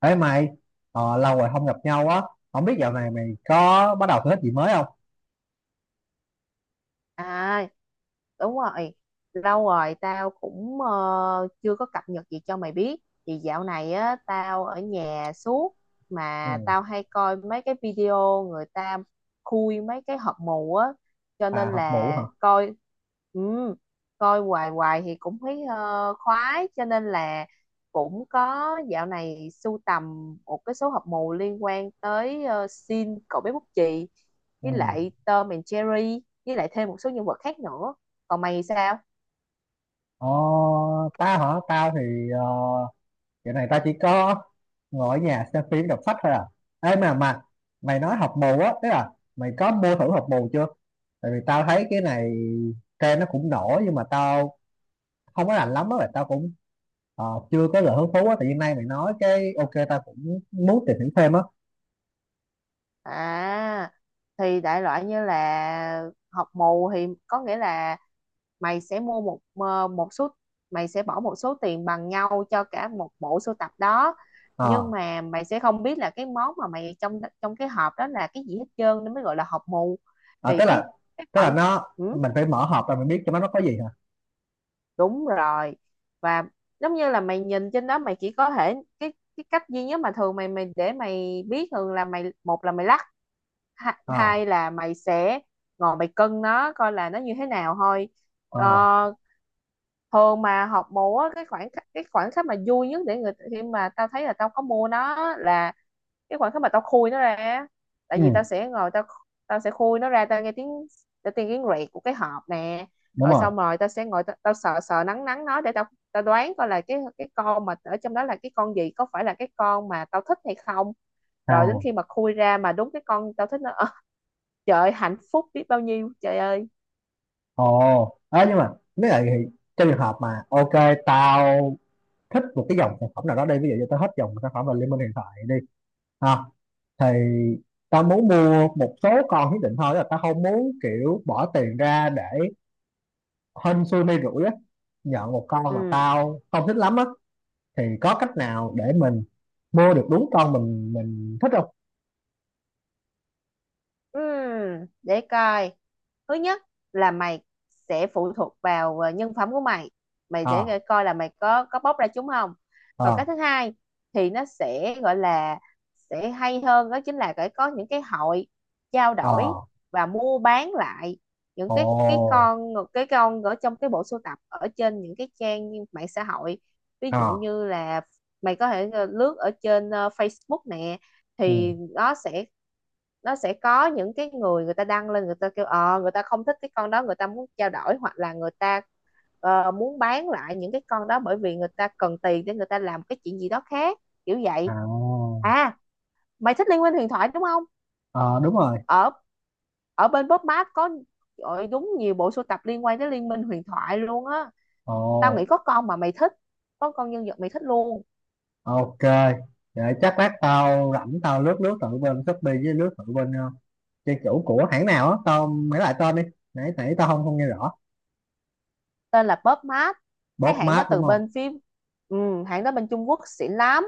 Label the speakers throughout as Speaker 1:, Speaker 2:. Speaker 1: Ê mày, lâu rồi không gặp nhau á, không biết dạo này mày có bắt đầu thử thích gì mới không?
Speaker 2: À, đúng rồi, lâu rồi tao cũng chưa có cập nhật gì cho mày biết. Thì dạo này á tao ở nhà suốt,
Speaker 1: Ừ.
Speaker 2: mà tao hay coi mấy cái video người ta khui mấy cái hộp mù á, cho
Speaker 1: À,
Speaker 2: nên
Speaker 1: học mũ hả?
Speaker 2: là coi. Ừ, coi hoài hoài thì cũng thấy khoái, cho nên là cũng có dạo này sưu tầm một cái số hộp mù liên quan tới Sin cậu bé bút chì,
Speaker 1: Ừ.
Speaker 2: với lại Tom and Jerry, với lại thêm một số nhân vật khác nữa. Còn mày sao?
Speaker 1: Ờ, tao hả? Tao thì dạo này tao chỉ có ngồi ở nhà xem phim đọc sách thôi à. Ê, mà mày nói học mù á, tức là mày có mua thử học mù chưa? Tại vì tao thấy cái này trend nó cũng nổi nhưng mà tao không có rành lắm á, và tao cũng ờ, chưa có lời hứng thú á. Tại vì nay mày nói cái ok tao cũng muốn tìm hiểu thêm á.
Speaker 2: À, thì đại loại như là học mù thì có nghĩa là mày sẽ mua một một số, mày sẽ bỏ một số tiền bằng nhau cho cả một bộ sưu tập đó. Nhưng
Speaker 1: Ờ.
Speaker 2: mà mày sẽ không biết là cái món mà mày trong trong cái hộp đó là cái gì hết trơn, nên mới gọi là hộp mù.
Speaker 1: À,
Speaker 2: Thì
Speaker 1: tức
Speaker 2: cái
Speaker 1: là
Speaker 2: cái
Speaker 1: tức là
Speaker 2: khoản.
Speaker 1: nó
Speaker 2: Ừ,
Speaker 1: mình phải mở hộp ra mình biết cho nó có gì hả?
Speaker 2: đúng rồi. Và giống như là mày nhìn trên đó mày chỉ có thể, cái cách duy nhất mà thường mày mày để mày biết, thường là mày, một là mày lắc,
Speaker 1: À,
Speaker 2: hai là mày sẽ ngồi mày cân nó coi là nó như thế nào thôi.
Speaker 1: à,
Speaker 2: ờ, Thường mà học múa, cái khoảng khắc mà vui nhất để người khi mà tao thấy là tao có mua nó là cái khoảnh khắc mà tao khui nó ra á. Tại
Speaker 1: ừ,
Speaker 2: vì tao sẽ ngồi tao tao sẽ khui nó ra, tao nghe tiếng, tao nghe tiếng rẹt của cái hộp nè.
Speaker 1: đúng
Speaker 2: Rồi
Speaker 1: rồi.
Speaker 2: xong rồi tao sẽ ngồi tao, sờ sờ nắng nắng nó để tao tao đoán coi là cái con mà ở trong đó là cái con gì, có phải là cái con mà tao thích hay không. Rồi đến
Speaker 1: À.
Speaker 2: khi mà khui ra mà đúng cái con tao thích nó, trời ơi, hạnh phúc biết bao nhiêu trời ơi!
Speaker 1: Ồ. À, nhưng mà nếu vậy thì trong trường hợp mà ok tao thích một cái dòng sản phẩm nào đó đi, ví dụ như tao thích dòng sản phẩm là Liên Minh hiện tại đi, à, thì tao muốn mua một số con nhất định thôi, tức là tao không muốn kiểu bỏ tiền ra để hên xui may rủi á, nhận một con
Speaker 2: Ừ.
Speaker 1: mà tao không thích lắm á, thì có cách nào để mình mua được đúng con mình thích không?
Speaker 2: Ừm, để coi, thứ nhất là mày sẽ phụ thuộc vào nhân phẩm của mày, mày để
Speaker 1: Ờ.
Speaker 2: coi coi là mày có bóc ra chúng không. Còn
Speaker 1: À,
Speaker 2: cái thứ hai thì nó sẽ gọi là sẽ hay hơn, đó chính là phải có những cái hội trao đổi
Speaker 1: ờ.
Speaker 2: và mua bán lại những cái cái
Speaker 1: Ồ.
Speaker 2: con cái con ở trong cái bộ sưu tập ở trên những cái trang như mạng xã hội. Ví dụ
Speaker 1: Ờ.
Speaker 2: như là mày có thể lướt ở trên Facebook nè.
Speaker 1: Ừ.
Speaker 2: Thì nó sẽ có những cái người người ta đăng lên, người ta kêu người ta không thích cái con đó, người ta muốn trao đổi hoặc là người ta muốn bán lại những cái con đó, bởi vì người ta cần tiền để người ta làm cái chuyện gì đó khác, kiểu vậy.
Speaker 1: À.
Speaker 2: À, mày thích liên minh huyền thoại đúng không?
Speaker 1: Ờ, đúng rồi.
Speaker 2: Ở ở bên Pop Mart có, ôi, đúng nhiều bộ sưu tập liên quan tới liên minh huyền thoại luôn á.
Speaker 1: Ồ.
Speaker 2: Tao nghĩ có con mà mày thích, có con nhân vật mày thích luôn.
Speaker 1: Ok, để chắc lát tao rảnh tao lướt lướt thử bên Shopee, với lướt thử bên trang chủ của hãng nào á, tao mấy lại tên đi, nãy nãy tao không không nghe rõ.
Speaker 2: Tên là Pop Mart, cái
Speaker 1: Bob
Speaker 2: hãng đó
Speaker 1: Map đúng
Speaker 2: từ
Speaker 1: không?
Speaker 2: bên phim. Ừ, hãng đó bên Trung Quốc xịn lắm.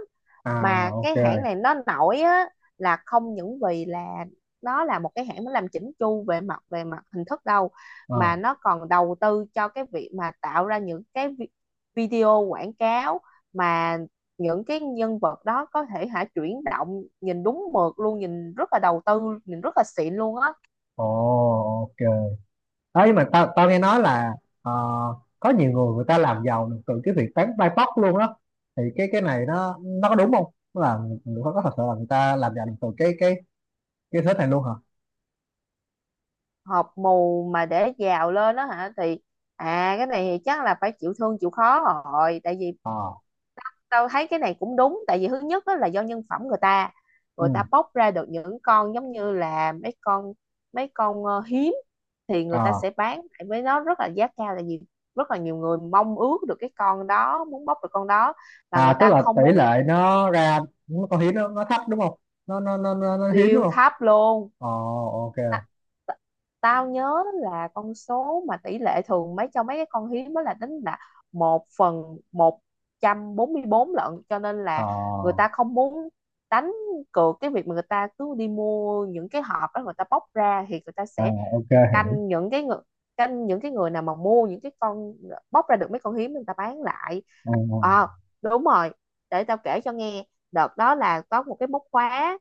Speaker 2: Mà
Speaker 1: À.
Speaker 2: cái
Speaker 1: Ok.
Speaker 2: hãng này nó nổi á, là không những vì là nó là một cái hãng nó làm chỉnh chu về mặt hình thức đâu,
Speaker 1: Ờ.
Speaker 2: mà nó còn đầu tư cho cái việc mà tạo ra những cái video quảng cáo, mà những cái nhân vật đó có thể hả chuyển động nhìn đúng mượt luôn, nhìn rất là đầu tư, nhìn rất là xịn luôn á.
Speaker 1: Ồ. Ok, ấy mà tao tao nghe nói là ờ, có nhiều người người ta làm giàu từ cái việc bán bài bóc luôn đó, thì cái này nó có đúng không? Tức là người, người có thật sự là người ta làm giàu từ cái thế này luôn hả?
Speaker 2: Hộp mù mà để giàu lên đó hả? Thì à, cái này thì chắc là phải chịu thương chịu khó rồi, tại vì
Speaker 1: Ờ.
Speaker 2: tao thấy cái này cũng đúng, tại vì thứ nhất đó là do nhân phẩm người ta.
Speaker 1: Ừ.
Speaker 2: Người ta bóc ra được những con giống như là mấy con hiếm, thì người
Speaker 1: Ờ.
Speaker 2: ta sẽ bán lại với, nó rất là giá cao, tại vì rất là nhiều người mong ước được cái con đó, muốn bóc được con đó, và người
Speaker 1: À, tức
Speaker 2: ta
Speaker 1: là
Speaker 2: không
Speaker 1: tỷ
Speaker 2: muốn.
Speaker 1: lệ nó ra, nó con hiếm nó thấp đúng không? Nó hiếm đúng
Speaker 2: Tiêu
Speaker 1: không?
Speaker 2: thấp luôn.
Speaker 1: Ờ.
Speaker 2: Ta-
Speaker 1: Ok.
Speaker 2: ta- Tao nhớ là con số mà tỷ lệ thường mấy cho mấy cái con hiếm đó là tính là 1/144 lận, cho nên
Speaker 1: Ờ.
Speaker 2: là người ta không muốn đánh cược cái việc mà người ta cứ đi mua những cái hộp đó, người ta bóc ra thì người ta
Speaker 1: À,
Speaker 2: sẽ
Speaker 1: ok.
Speaker 2: canh những cái người canh những cái người nào mà mua những cái con, bóc ra được mấy con hiếm, người ta bán lại.
Speaker 1: Ừ,
Speaker 2: À,
Speaker 1: ừ.
Speaker 2: đúng rồi, để tao kể cho nghe. Đợt đó là có một cái móc khóa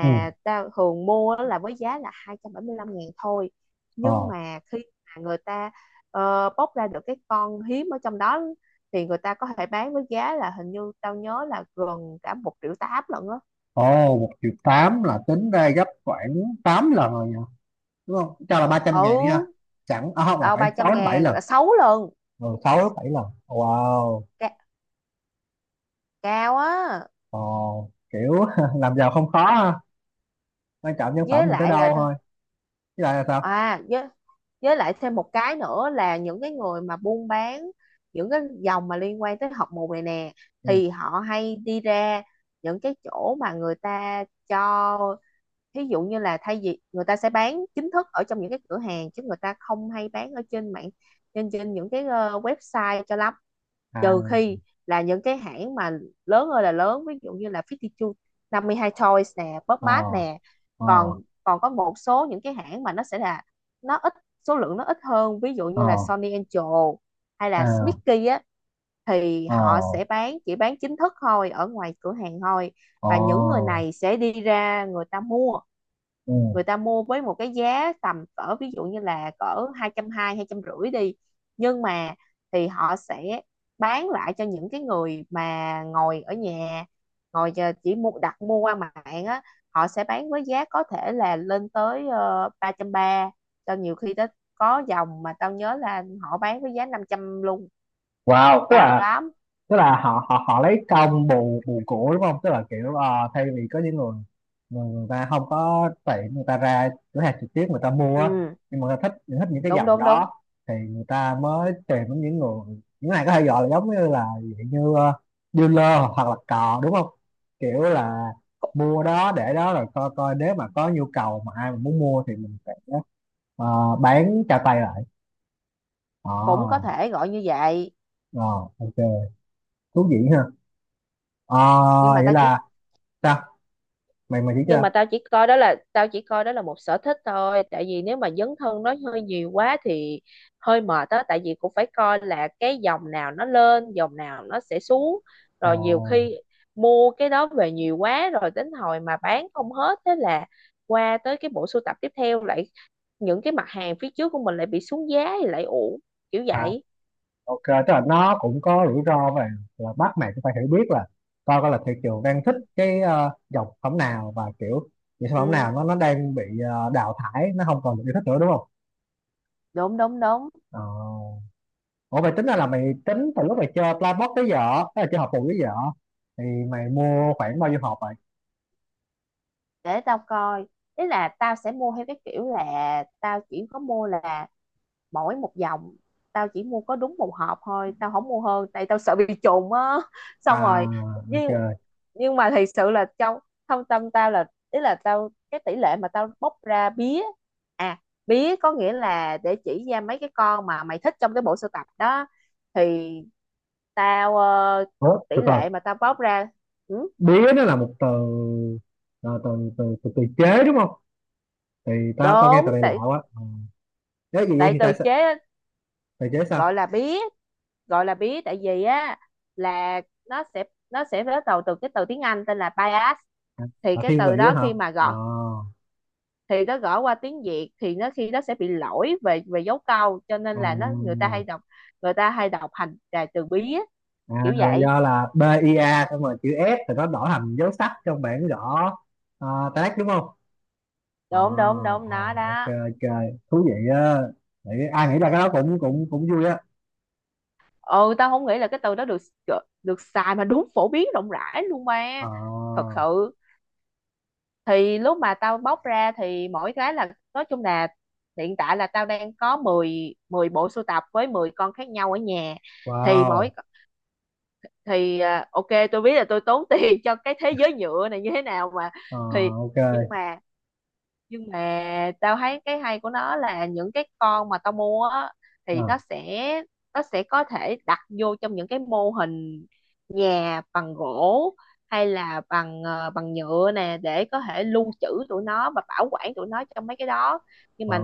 Speaker 1: Ừ,
Speaker 2: tao thường mua á, là với giá là 275.000 thôi. Nhưng
Speaker 1: ờ.
Speaker 2: mà khi mà người ta bóc ra được cái con hiếm ở trong đó, thì người ta có thể bán với giá là, hình như tao nhớ là gần cả 1,8 triệu lận á.
Speaker 1: Ồ, 1.800.000 là tính ra gấp khoảng 8 lần rồi nhỉ? Đúng không, cho là 300.000 đi
Speaker 2: Ừ,
Speaker 1: ha? Chẳng à, không là
Speaker 2: tao,
Speaker 1: khoảng
Speaker 2: ba trăm
Speaker 1: sáu đến bảy
Speaker 2: ngàn
Speaker 1: lần
Speaker 2: là 6 lần.
Speaker 1: Ừ, 6 đến 7 lần. Wow,
Speaker 2: Ca- Cao á.
Speaker 1: ờ, kiểu làm giàu không khó ha, quan trọng nhân
Speaker 2: Với
Speaker 1: phẩm mình tới
Speaker 2: lại
Speaker 1: đâu
Speaker 2: là thôi.
Speaker 1: thôi. Chứ lại là sao?
Speaker 2: À với lại thêm một cái nữa là những cái người mà buôn bán những cái dòng mà liên quan tới học mù này nè,
Speaker 1: Ừ.
Speaker 2: thì họ hay đi ra những cái chỗ mà người ta cho, thí dụ như là thay vì người ta sẽ bán chính thức ở trong những cái cửa hàng chứ người ta không hay bán ở trên mạng, trên trên những cái website cho lắm, trừ
Speaker 1: À.
Speaker 2: khi là những cái hãng mà lớn ơi là lớn, ví dụ như là 52 52 Toys nè, Pop
Speaker 1: Ờ,
Speaker 2: Mart nè.
Speaker 1: ờ,
Speaker 2: Còn còn có một số những cái hãng mà nó sẽ là nó ít, số lượng nó ít hơn, ví dụ như là
Speaker 1: ờ.
Speaker 2: Sony Angel hay là
Speaker 1: À.
Speaker 2: Smicky á, thì
Speaker 1: Ồ.
Speaker 2: họ sẽ bán chỉ bán chính thức thôi ở ngoài cửa hàng thôi.
Speaker 1: Ồ.
Speaker 2: Và những người này sẽ đi ra
Speaker 1: Ừ.
Speaker 2: người ta mua với một cái giá tầm cỡ, ví dụ như là cỡ 220, 250 đi, nhưng mà thì họ sẽ bán lại cho những cái người mà ngồi ở nhà, chỉ mua, đặt mua qua mạng á. Họ sẽ bán với giá có thể là lên tới 330, cho nhiều khi tới có dòng mà tao nhớ là họ bán với giá 500 luôn.
Speaker 1: Wow, tức
Speaker 2: Cao
Speaker 1: là
Speaker 2: lắm.
Speaker 1: tức là họ họ họ lấy công bù bù cổ đúng không? Tức là kiểu thay vì có những người người ta không có tiền, người ta ra cửa hàng trực tiếp người ta mua á,
Speaker 2: Ừ,
Speaker 1: nhưng mà người ta thích thích những cái
Speaker 2: đúng
Speaker 1: dòng
Speaker 2: đúng đúng,
Speaker 1: đó, thì người ta mới tìm đến những người này, có thể gọi là giống như là dạng như dealer hoặc là cò đúng không? Kiểu là
Speaker 2: cũng
Speaker 1: mua đó để đó rồi coi coi nếu mà có nhu cầu mà ai mà muốn mua thì mình sẽ bán cho tay lại. Ờ.
Speaker 2: cũng có thể gọi như vậy.
Speaker 1: Ờ, OK, thú vị ha. Ờ,
Speaker 2: nhưng mà
Speaker 1: vậy
Speaker 2: tao chỉ
Speaker 1: là sao? Mày mày chỉ
Speaker 2: nhưng
Speaker 1: cho.
Speaker 2: mà tao chỉ coi đó là một sở thích thôi, tại vì nếu mà dấn thân nó hơi nhiều quá thì hơi mệt á. Tại vì cũng phải coi là cái dòng nào nó lên, dòng nào nó sẽ xuống,
Speaker 1: À,
Speaker 2: rồi nhiều khi mua cái đó về nhiều quá rồi đến hồi mà bán không hết, thế là qua tới cái bộ sưu tập tiếp theo lại, những cái mặt hàng phía trước của mình lại bị xuống giá thì lại uổng, kiểu
Speaker 1: à,
Speaker 2: vậy.
Speaker 1: OK, tức là nó cũng có rủi ro và là bắt mày cũng phải hiểu biết, là coi coi là thị trường đang thích cái dòng sản phẩm nào, và kiểu những sản phẩm
Speaker 2: Ừ,
Speaker 1: nào nó đang bị đào thải, nó không còn được yêu thích nữa đúng không?
Speaker 2: đúng đúng đúng.
Speaker 1: Ờ. Ủa, mày tính ra là mày tính từ lúc mày chơi Playbox tới giờ, tức là chơi hộp bù tới giờ, thì mày mua khoảng bao nhiêu hộp vậy?
Speaker 2: Để tao coi, ý là tao sẽ mua theo cái kiểu là tao chỉ có mua là mỗi một dòng, tao chỉ mua có đúng một hộp thôi, tao không mua hơn tại tao sợ bị trùng á xong
Speaker 1: À,
Speaker 2: rồi.
Speaker 1: OK.
Speaker 2: Nhưng nhưng mà thật sự là trong thâm tâm tao là, ý là tao, cái tỷ lệ mà tao bóc ra bía. À, bía có nghĩa là để chỉ ra mấy cái con mà mày thích trong cái bộ sưu tập đó, thì tao ờ,
Speaker 1: Ủa,
Speaker 2: tỷ
Speaker 1: từ từ,
Speaker 2: lệ mà tao bóc ra. Ừ,
Speaker 1: bía nó là một từ, là từ chế đúng không? Thì tao tao nghe từ
Speaker 2: đúng,
Speaker 1: đây lạ
Speaker 2: tại
Speaker 1: quá. Ờ. Nếu vậy,
Speaker 2: tại
Speaker 1: thì tại
Speaker 2: từ
Speaker 1: sao
Speaker 2: chế.
Speaker 1: từ chế, sao
Speaker 2: Gọi là bía, gọi là bí tại vì á là nó sẽ nó sẽ bắt đầu từ cái từ tiếng Anh tên là bias. Thì
Speaker 1: là
Speaker 2: cái
Speaker 1: thiên vị
Speaker 2: từ đó
Speaker 1: á hả?
Speaker 2: khi mà
Speaker 1: À,
Speaker 2: gõ, thì nó gõ qua tiếng Việt thì nó khi nó sẽ bị lỗi về về dấu câu, cho nên
Speaker 1: à,
Speaker 2: là nó, người ta hay đọc thành là từ bí á,
Speaker 1: à,
Speaker 2: kiểu
Speaker 1: là
Speaker 2: vậy.
Speaker 1: do là BIA xong rồi chữ S thì nó đổi thành dấu sắc trong bảng gõ. À, tác đúng không? Ờ,
Speaker 2: Đúng đúng đúng
Speaker 1: ờ,
Speaker 2: nó
Speaker 1: ok,
Speaker 2: đó.
Speaker 1: ok, thú vị á. Ai nghĩ ra cái đó cũng cũng cũng vui á.
Speaker 2: Ừ, tao không nghĩ là cái từ đó được được xài mà đúng phổ biến rộng rãi luôn
Speaker 1: Ờ,
Speaker 2: ba. Thật sự thì lúc mà tao bóc ra thì mỗi cái là, nói chung là, hiện tại là tao đang có 10 10 bộ sưu tập với 10 con khác nhau ở nhà. Thì mỗi
Speaker 1: wow.
Speaker 2: thì, à, ok tôi biết là tôi tốn tiền cho cái thế giới nhựa này như thế nào mà.
Speaker 1: Ờ,
Speaker 2: Thì
Speaker 1: ok.
Speaker 2: nhưng mà nhưng mà tao thấy cái hay của nó là những cái con mà tao mua á, thì
Speaker 1: Ờ,
Speaker 2: nó sẽ có thể đặt vô trong những cái mô hình nhà bằng gỗ hay là bằng nhựa nè, để có thể lưu trữ tụi nó và bảo quản tụi nó trong mấy cái đó. Nhưng
Speaker 1: ờ,
Speaker 2: mà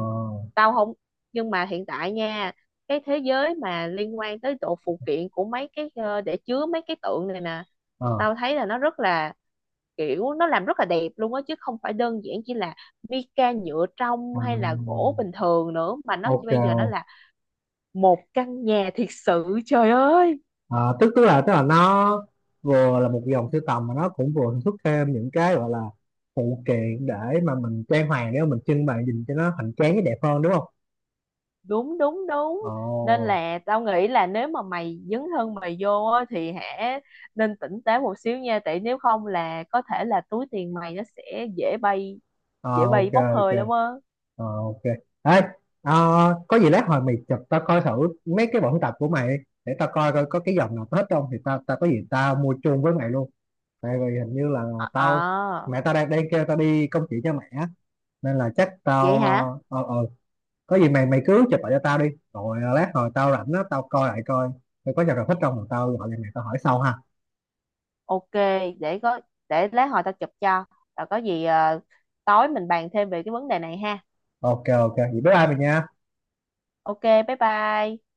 Speaker 2: tao không Nhưng mà hiện tại nha, cái thế giới mà liên quan tới độ phụ kiện của mấy cái để chứa mấy cái tượng này nè,
Speaker 1: ờ,
Speaker 2: tao thấy là nó rất là, kiểu nó làm rất là đẹp luôn á, chứ không phải đơn giản chỉ là Vika nhựa trong
Speaker 1: ờ,
Speaker 2: hay là gỗ bình thường nữa, mà nó bây giờ nó
Speaker 1: ok.
Speaker 2: là một căn nhà thiệt sự trời ơi!
Speaker 1: Ờ, tức tức là nó vừa là một dòng sưu tầm mà nó cũng vừa sản xuất thêm những cái gọi là phụ kiện để mà mình trang hoàng, để mà mình trưng bày nhìn cho nó hoành tráng, cái đẹp hơn đúng không?
Speaker 2: Đúng đúng đúng. Nên
Speaker 1: Ồ,
Speaker 2: là tao nghĩ là nếu mà mày dấn thân mày vô á, thì hãy nên tỉnh táo một xíu nha, tại nếu không là có thể là túi tiền mày nó sẽ dễ bay,
Speaker 1: ờ,
Speaker 2: dễ
Speaker 1: ok,
Speaker 2: bay bốc hơi
Speaker 1: ok,
Speaker 2: lắm á.
Speaker 1: ờ, ok. Ê, ờ, có gì lát hồi mày chụp tao coi thử mấy cái bộ tập của mày đi, để tao coi coi có cái dòng nào hết không thì tao tao có gì tao mua chung với mày luôn. Tại vì hình như là tao
Speaker 2: À,
Speaker 1: mẹ tao đang đang kêu tao đi công chuyện cho mẹ á, nên là chắc tao
Speaker 2: vậy hả,
Speaker 1: ờ ờ, ờ, có gì mày mày cứ chụp lại cho tao đi, rồi lát hồi tao rảnh á, tao coi lại coi tao có giờ nào thích không, rồi tao gọi lại mày, tao hỏi sau ha.
Speaker 2: ok. để có để lát hồi tao chụp cho, rồi có gì tối mình bàn thêm về cái vấn đề này ha.
Speaker 1: Ok, ok, vậy bye bye mày nha.
Speaker 2: Ok, bye bye.